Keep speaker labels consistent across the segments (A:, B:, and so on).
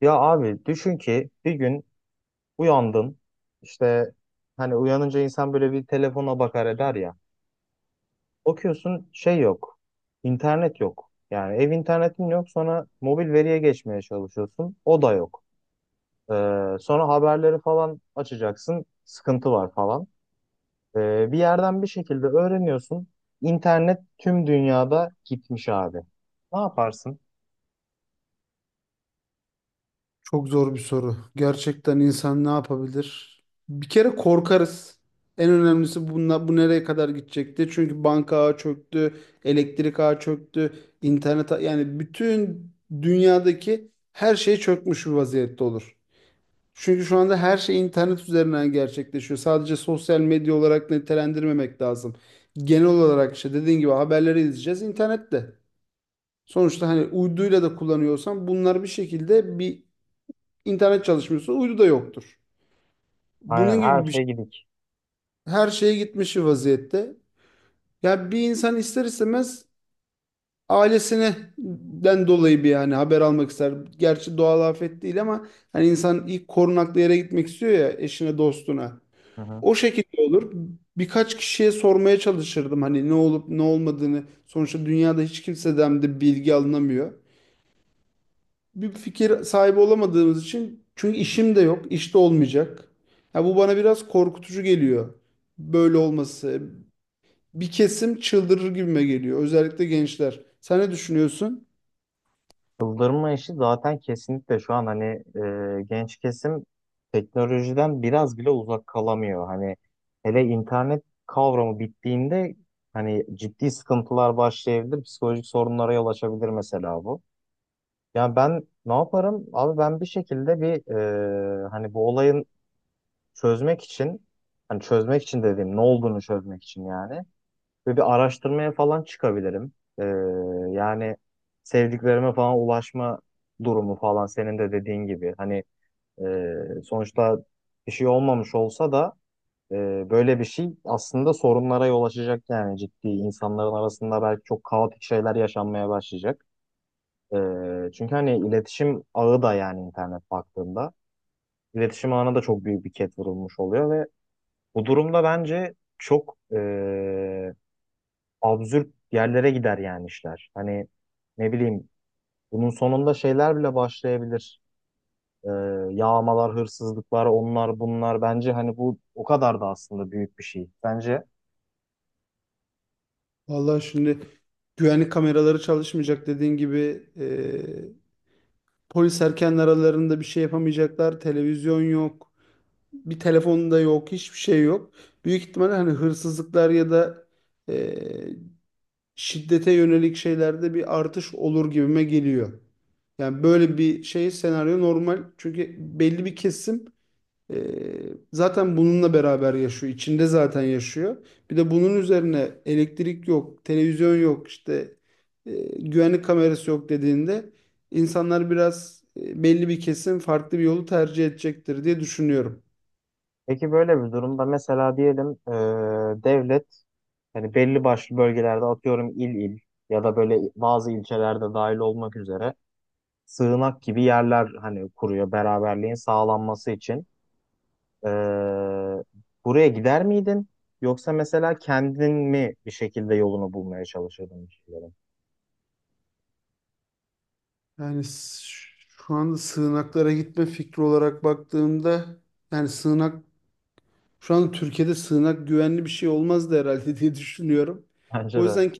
A: Ya abi düşün ki bir gün uyandın işte, hani uyanınca insan böyle bir telefona bakar eder ya. Bakıyorsun şey yok. İnternet yok. Yani ev internetin yok, sonra mobil veriye geçmeye çalışıyorsun. O da yok. Sonra haberleri falan açacaksın. Sıkıntı var falan. Bir yerden bir şekilde öğreniyorsun. İnternet tüm dünyada gitmiş abi. Ne yaparsın?
B: Çok zor bir soru. Gerçekten insan ne yapabilir? Bir kere korkarız. En önemlisi bunla, bu nereye kadar gidecekti? Çünkü banka ağı çöktü, elektrik ağı çöktü, yani bütün dünyadaki her şey çökmüş bir vaziyette olur. Çünkü şu anda her şey internet üzerinden gerçekleşiyor. Sadece sosyal medya olarak nitelendirmemek lazım. Genel olarak işte dediğin gibi haberleri izleyeceğiz internette. Sonuçta hani uyduyla da kullanıyorsan bunlar bir şekilde bir. İnternet çalışmıyorsa uydu da yoktur.
A: Aynen,
B: Bunun
A: her
B: gibi bir
A: şey
B: şey.
A: gidik.
B: Her şeye gitmiş vaziyette. Ya bir insan ister istemez ailesinden dolayı bir yani haber almak ister. Gerçi doğal afet değil ama hani insan ilk korunaklı yere gitmek istiyor ya eşine dostuna.
A: Hı hı.
B: O şekilde olur. Birkaç kişiye sormaya çalışırdım hani ne olup ne olmadığını. Sonuçta dünyada hiç kimseden de bilgi alınamıyor. Bir fikir sahibi olamadığımız için çünkü işim de yok, iş de olmayacak. Ya bu bana biraz korkutucu geliyor. Böyle olması. Bir kesim çıldırır gibime geliyor. Özellikle gençler. Sen ne düşünüyorsun?
A: Çıldırma işi zaten kesinlikle şu an, hani genç kesim teknolojiden biraz bile uzak kalamıyor. Hani hele internet kavramı bittiğinde hani ciddi sıkıntılar başlayabilir, psikolojik sorunlara yol açabilir mesela bu. Yani ben ne yaparım? Abi ben bir şekilde bir, hani bu olayın çözmek için hani çözmek için, dediğim ne olduğunu çözmek için yani, ve bir araştırmaya falan çıkabilirim. Ee, Yani sevdiklerime falan ulaşma durumu falan, senin de dediğin gibi. Hani sonuçta bir şey olmamış olsa da, e, böyle bir şey aslında sorunlara yol açacak yani, ciddi. İnsanların arasında belki çok kaotik şeyler yaşanmaya başlayacak. Çünkü hani iletişim ağı da, yani internet baktığında iletişim ağına da çok büyük bir ket vurulmuş oluyor, ve bu durumda bence çok absürt yerlere gider yani işler. Hani ne bileyim, bunun sonunda şeyler bile başlayabilir. Ee, Yağmalar, hırsızlıklar, onlar bunlar. Bence hani bu o kadar da aslında büyük bir şey. Bence.
B: Vallahi şimdi güvenlik kameraları çalışmayacak dediğin gibi polis erken aralarında bir şey yapamayacaklar. Televizyon yok. Bir telefon da yok. Hiçbir şey yok. Büyük ihtimalle hani hırsızlıklar ya da şiddete yönelik şeylerde bir artış olur gibime geliyor. Yani böyle bir şey senaryo normal. Çünkü belli bir kesim e, zaten bununla beraber yaşıyor. İçinde zaten yaşıyor. Bir de bunun üzerine elektrik yok, televizyon yok, işte e, güvenlik kamerası yok dediğinde insanlar biraz belli bir kesim farklı bir yolu tercih edecektir diye düşünüyorum.
A: Peki böyle bir durumda mesela diyelim, devlet hani belli başlı bölgelerde, atıyorum, il il, ya da böyle bazı ilçelerde dahil olmak üzere sığınak gibi yerler hani kuruyor beraberliğin sağlanması için. Ee, Buraya gider miydin? Yoksa mesela kendin mi bir şekilde yolunu bulmaya çalışırdın bir şeylerin?
B: Yani s- Şu anda sığınaklara gitme fikri olarak baktığımda yani sığınak. Şu an Türkiye'de sığınak güvenli bir şey olmazdı herhalde diye düşünüyorum.
A: Bence
B: O
A: de.
B: yüzden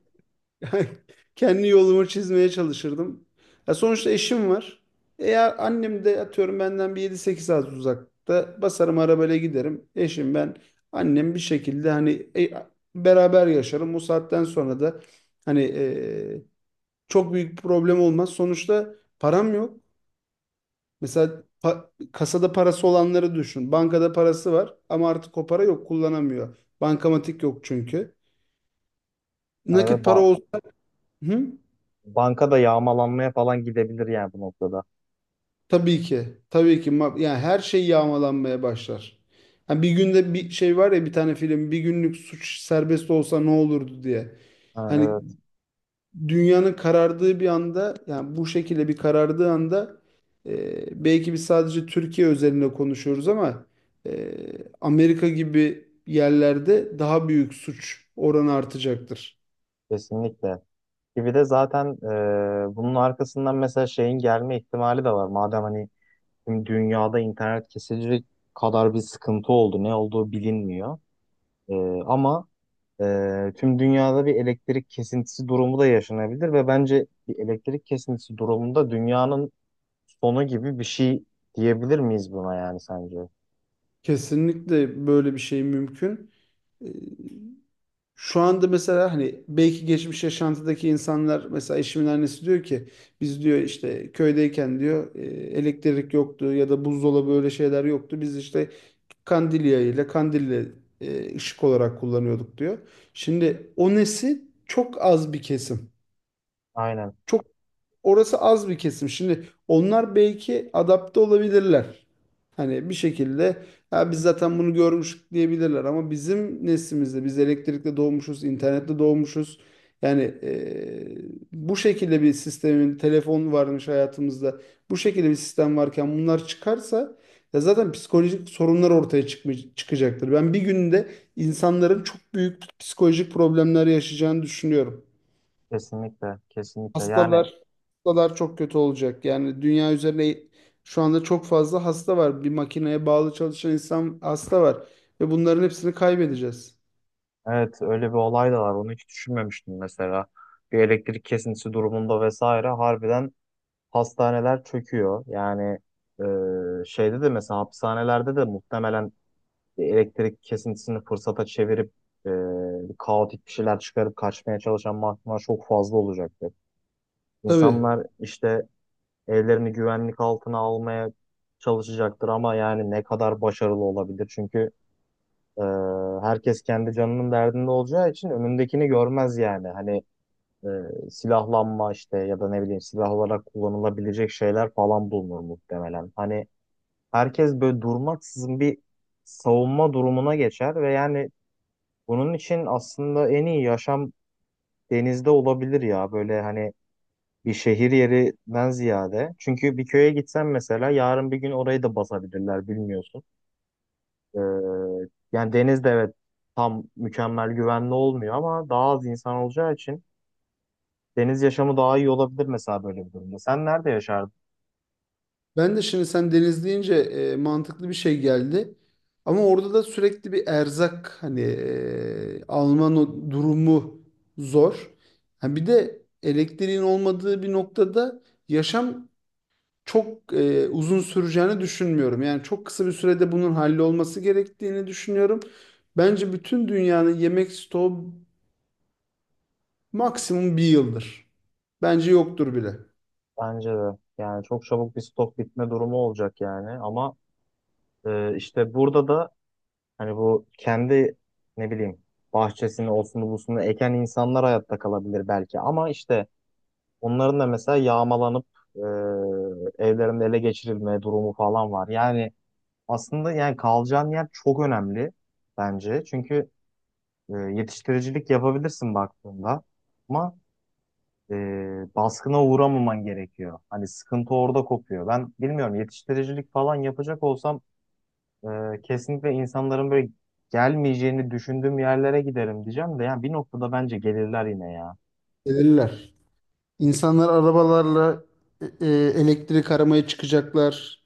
B: ke- kendi yolumu çizmeye çalışırdım. Ya sonuçta eşim var. Eğer annem de atıyorum benden bir 7 8 saat uzakta basarım arabayla giderim. Eşim ben annem bir şekilde hani beraber yaşarım. O saatten sonra da hani çok büyük bir problem olmaz. Sonuçta param yok. Mesela kasada parası olanları düşün. Bankada parası var ama artık o para yok kullanamıyor. Bankamatik yok çünkü.
A: Yani ve
B: Nakit para
A: ba-
B: olsun. Hı?
A: Banka da yağmalanmaya falan gidebilir yani bu noktada.
B: Tabii ki. Tabii ki. Yani her şey yağmalanmaya başlar. Ha bir günde bir şey var ya bir tane film bir günlük suç serbest olsa ne olurdu diye.
A: Ha,
B: Hani
A: evet,
B: dünyanın karardığı bir anda yani bu şekilde bir karardığı anda belki biz sadece Türkiye özelinde konuşuyoruz ama e, Amerika gibi yerlerde daha büyük suç oranı artacaktır.
A: kesinlikle. Gibi de zaten, bunun arkasından mesela şeyin gelme ihtimali de var. Madem hani tüm dünyada internet kesilecek kadar bir sıkıntı oldu, ne olduğu bilinmiyor. E, ama tüm dünyada bir elektrik kesintisi durumu da yaşanabilir, ve bence bir elektrik kesintisi durumunda dünyanın sonu gibi bir şey diyebilir miyiz buna, yani sence?
B: Kesinlikle böyle bir şey mümkün. E, Şu anda mesela hani belki geçmiş yaşantıdaki insanlar mesela eşimin annesi diyor ki biz diyor işte köydeyken diyor elektrik yoktu ya da buzdolabı öyle şeyler yoktu. Biz işte Kandilya ile kandille ışık olarak kullanıyorduk diyor. Şimdi o nesil çok az bir kesim.
A: Aynen,
B: Çok orası az bir kesim. Şimdi onlar belki adapte olabilirler. Hani bir şekilde ya biz zaten bunu görmüştük diyebilirler ama bizim neslimizde biz elektrikle doğmuşuz, internette doğmuşuz. Yani bu şekilde bir sistemin telefon varmış hayatımızda. Bu şekilde bir sistem varken bunlar çıkarsa ya zaten psikolojik sorunlar ortaya çıkacaktır. Ben bir günde insanların çok büyük psikolojik problemler yaşayacağını düşünüyorum.
A: kesinlikle, kesinlikle. Yani
B: Hastalar hastalar çok kötü olacak. Yani dünya üzerinde şu anda çok fazla hasta var. Bir makineye bağlı çalışan insan hasta var. Ve bunların hepsini kaybedeceğiz.
A: evet, öyle bir olay da var. Onu hiç düşünmemiştim mesela. Bir elektrik kesintisi durumunda vesaire, harbiden hastaneler çöküyor. Yani şeyde de, mesela hapishanelerde de muhtemelen elektrik kesintisini fırsata çevirip, e, kaotik bir şeyler çıkarıp kaçmaya çalışan mahkumlar çok fazla olacaktır.
B: Tabii.
A: İnsanlar işte evlerini güvenlik altına almaya çalışacaktır, ama yani ne kadar başarılı olabilir? Çünkü e, herkes kendi canının derdinde olacağı için önündekini görmez yani. Hani e, silahlanma işte, ya da ne bileyim silah olarak kullanılabilecek şeyler falan bulunur muhtemelen. Hani herkes böyle durmaksızın bir savunma durumuna geçer, ve yani bunun için aslında en iyi yaşam denizde olabilir ya. Böyle hani bir şehir yerinden ziyade. Çünkü bir köye gitsen mesela, yarın bir gün orayı da basabilirler, bilmiyorsun. Ee, Yani deniz de evet, tam mükemmel güvenli olmuyor, ama daha az insan olacağı için deniz yaşamı daha iyi olabilir mesela böyle bir durumda. Sen nerede yaşardın?
B: Ben de şimdi sen deniz deyince mantıklı bir şey geldi. Ama orada da sürekli bir erzak hani alma no- durumu zor. Ha bir de elektriğin olmadığı bir noktada yaşam çok uzun süreceğini düşünmüyorum. Yani çok kısa bir sürede bunun hallolması gerektiğini düşünüyorum. Bence bütün dünyanın yemek stoğu maksimum bir yıldır. Bence yoktur bile.
A: Bence de. Yani çok çabuk bir stok bitme durumu olacak yani, ama işte burada da hani bu kendi, ne bileyim, bahçesini olsun busunu eken insanlar hayatta kalabilir belki, ama işte onların da mesela yağmalanıp, e, evlerinde ele geçirilme durumu falan var. Yani aslında yani kalacağın yer çok önemli bence. Çünkü yetiştiricilik yapabilirsin baktığında, ama e, baskına uğramaman gerekiyor. Hani sıkıntı orada kopuyor. Ben bilmiyorum, yetiştiricilik falan yapacak olsam kesinlikle insanların böyle gelmeyeceğini düşündüğüm yerlere giderim diyeceğim de, yani bir noktada bence gelirler yine ya.
B: Gelirler. İnsanlar arabalarla e, e, elektrik aramaya çıkacaklar.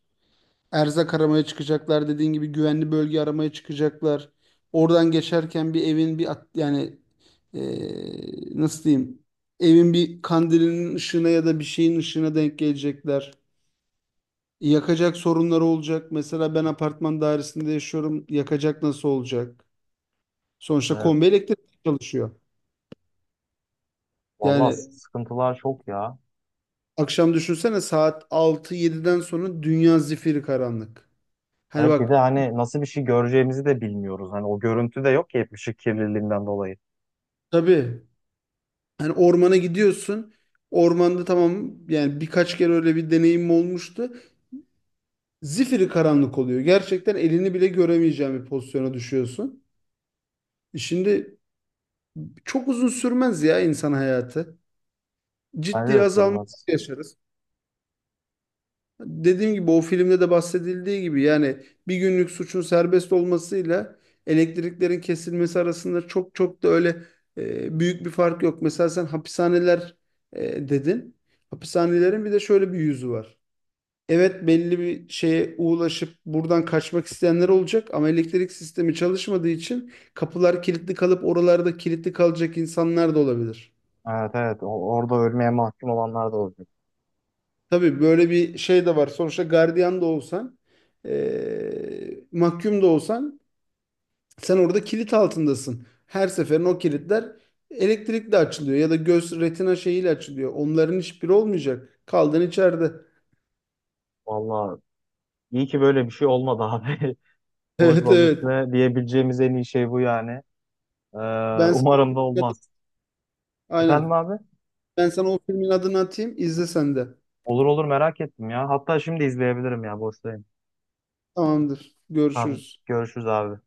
B: Erzak aramaya çıkacaklar. Dediğin gibi güvenli bölge aramaya çıkacaklar. Oradan geçerken bir evin yani nasıl diyeyim evin bir kandilinin ışığına ya da bir şeyin ışığına denk gelecekler. Yakacak sorunları olacak. Mesela ben apartman dairesinde yaşıyorum. Yakacak nasıl olacak? Sonuçta
A: Evet,
B: kombi elektrik çalışıyor.
A: vallahi
B: Yani
A: sıkıntılar çok ya.
B: akşam düşünsene saat 6 7'den sonra dünya zifiri karanlık. Hani
A: Hep bir
B: bak
A: de hani nasıl bir şey göreceğimizi de bilmiyoruz. Hani o görüntü de yok ki, hep ışık kirliliğinden dolayı.
B: tabii hani ormana gidiyorsun. Ormanda tamam yani birkaç kere öyle bir deneyim olmuştu. Zifiri karanlık oluyor. Gerçekten elini bile göremeyeceğin bir pozisyona düşüyorsun. Şimdi çok uzun sürmez ya insan hayatı.
A: Bence
B: Ciddi
A: de
B: azalma
A: sürmez.
B: yaşarız. Dediğim gibi o filmde de bahsedildiği gibi yani bir günlük suçun serbest olmasıyla elektriklerin kesilmesi arasında çok çok da öyle büyük bir fark yok. Mesela sen hapishaneler dedin. Hapishanelerin bir de şöyle bir yüzü var. Evet belli bir şeye ulaşıp buradan kaçmak isteyenler olacak ama elektrik sistemi çalışmadığı için kapılar kilitli kalıp oralarda kilitli kalacak insanlar da olabilir.
A: Evet, evet, orada ölmeye mahkum olanlar da olacak.
B: Tabii böyle bir şey de var. Sonuçta gardiyan da olsan, mahkum da olsan sen orada kilit altındasın. Her seferin o kilitler elektrikle açılıyor ya da göz retina şeyiyle açılıyor. Onların hiçbiri olmayacak. Kaldın içeride.
A: Vallahi iyi ki böyle bir şey olmadı abi.
B: Evet
A: Konuşmanın
B: evet.
A: üstüne diyebileceğimiz en iyi şey bu yani. Ee,
B: Ben sana
A: umarım da olmaz. Efendim
B: aynen.
A: abi?
B: Ben sana o filmin adını atayım. İzle sen de.
A: Olur olur, merak ettim ya. Hatta şimdi izleyebilirim ya, boşta.
B: Tamamdır.
A: Tamam,
B: Görüşürüz.
A: görüşürüz abi.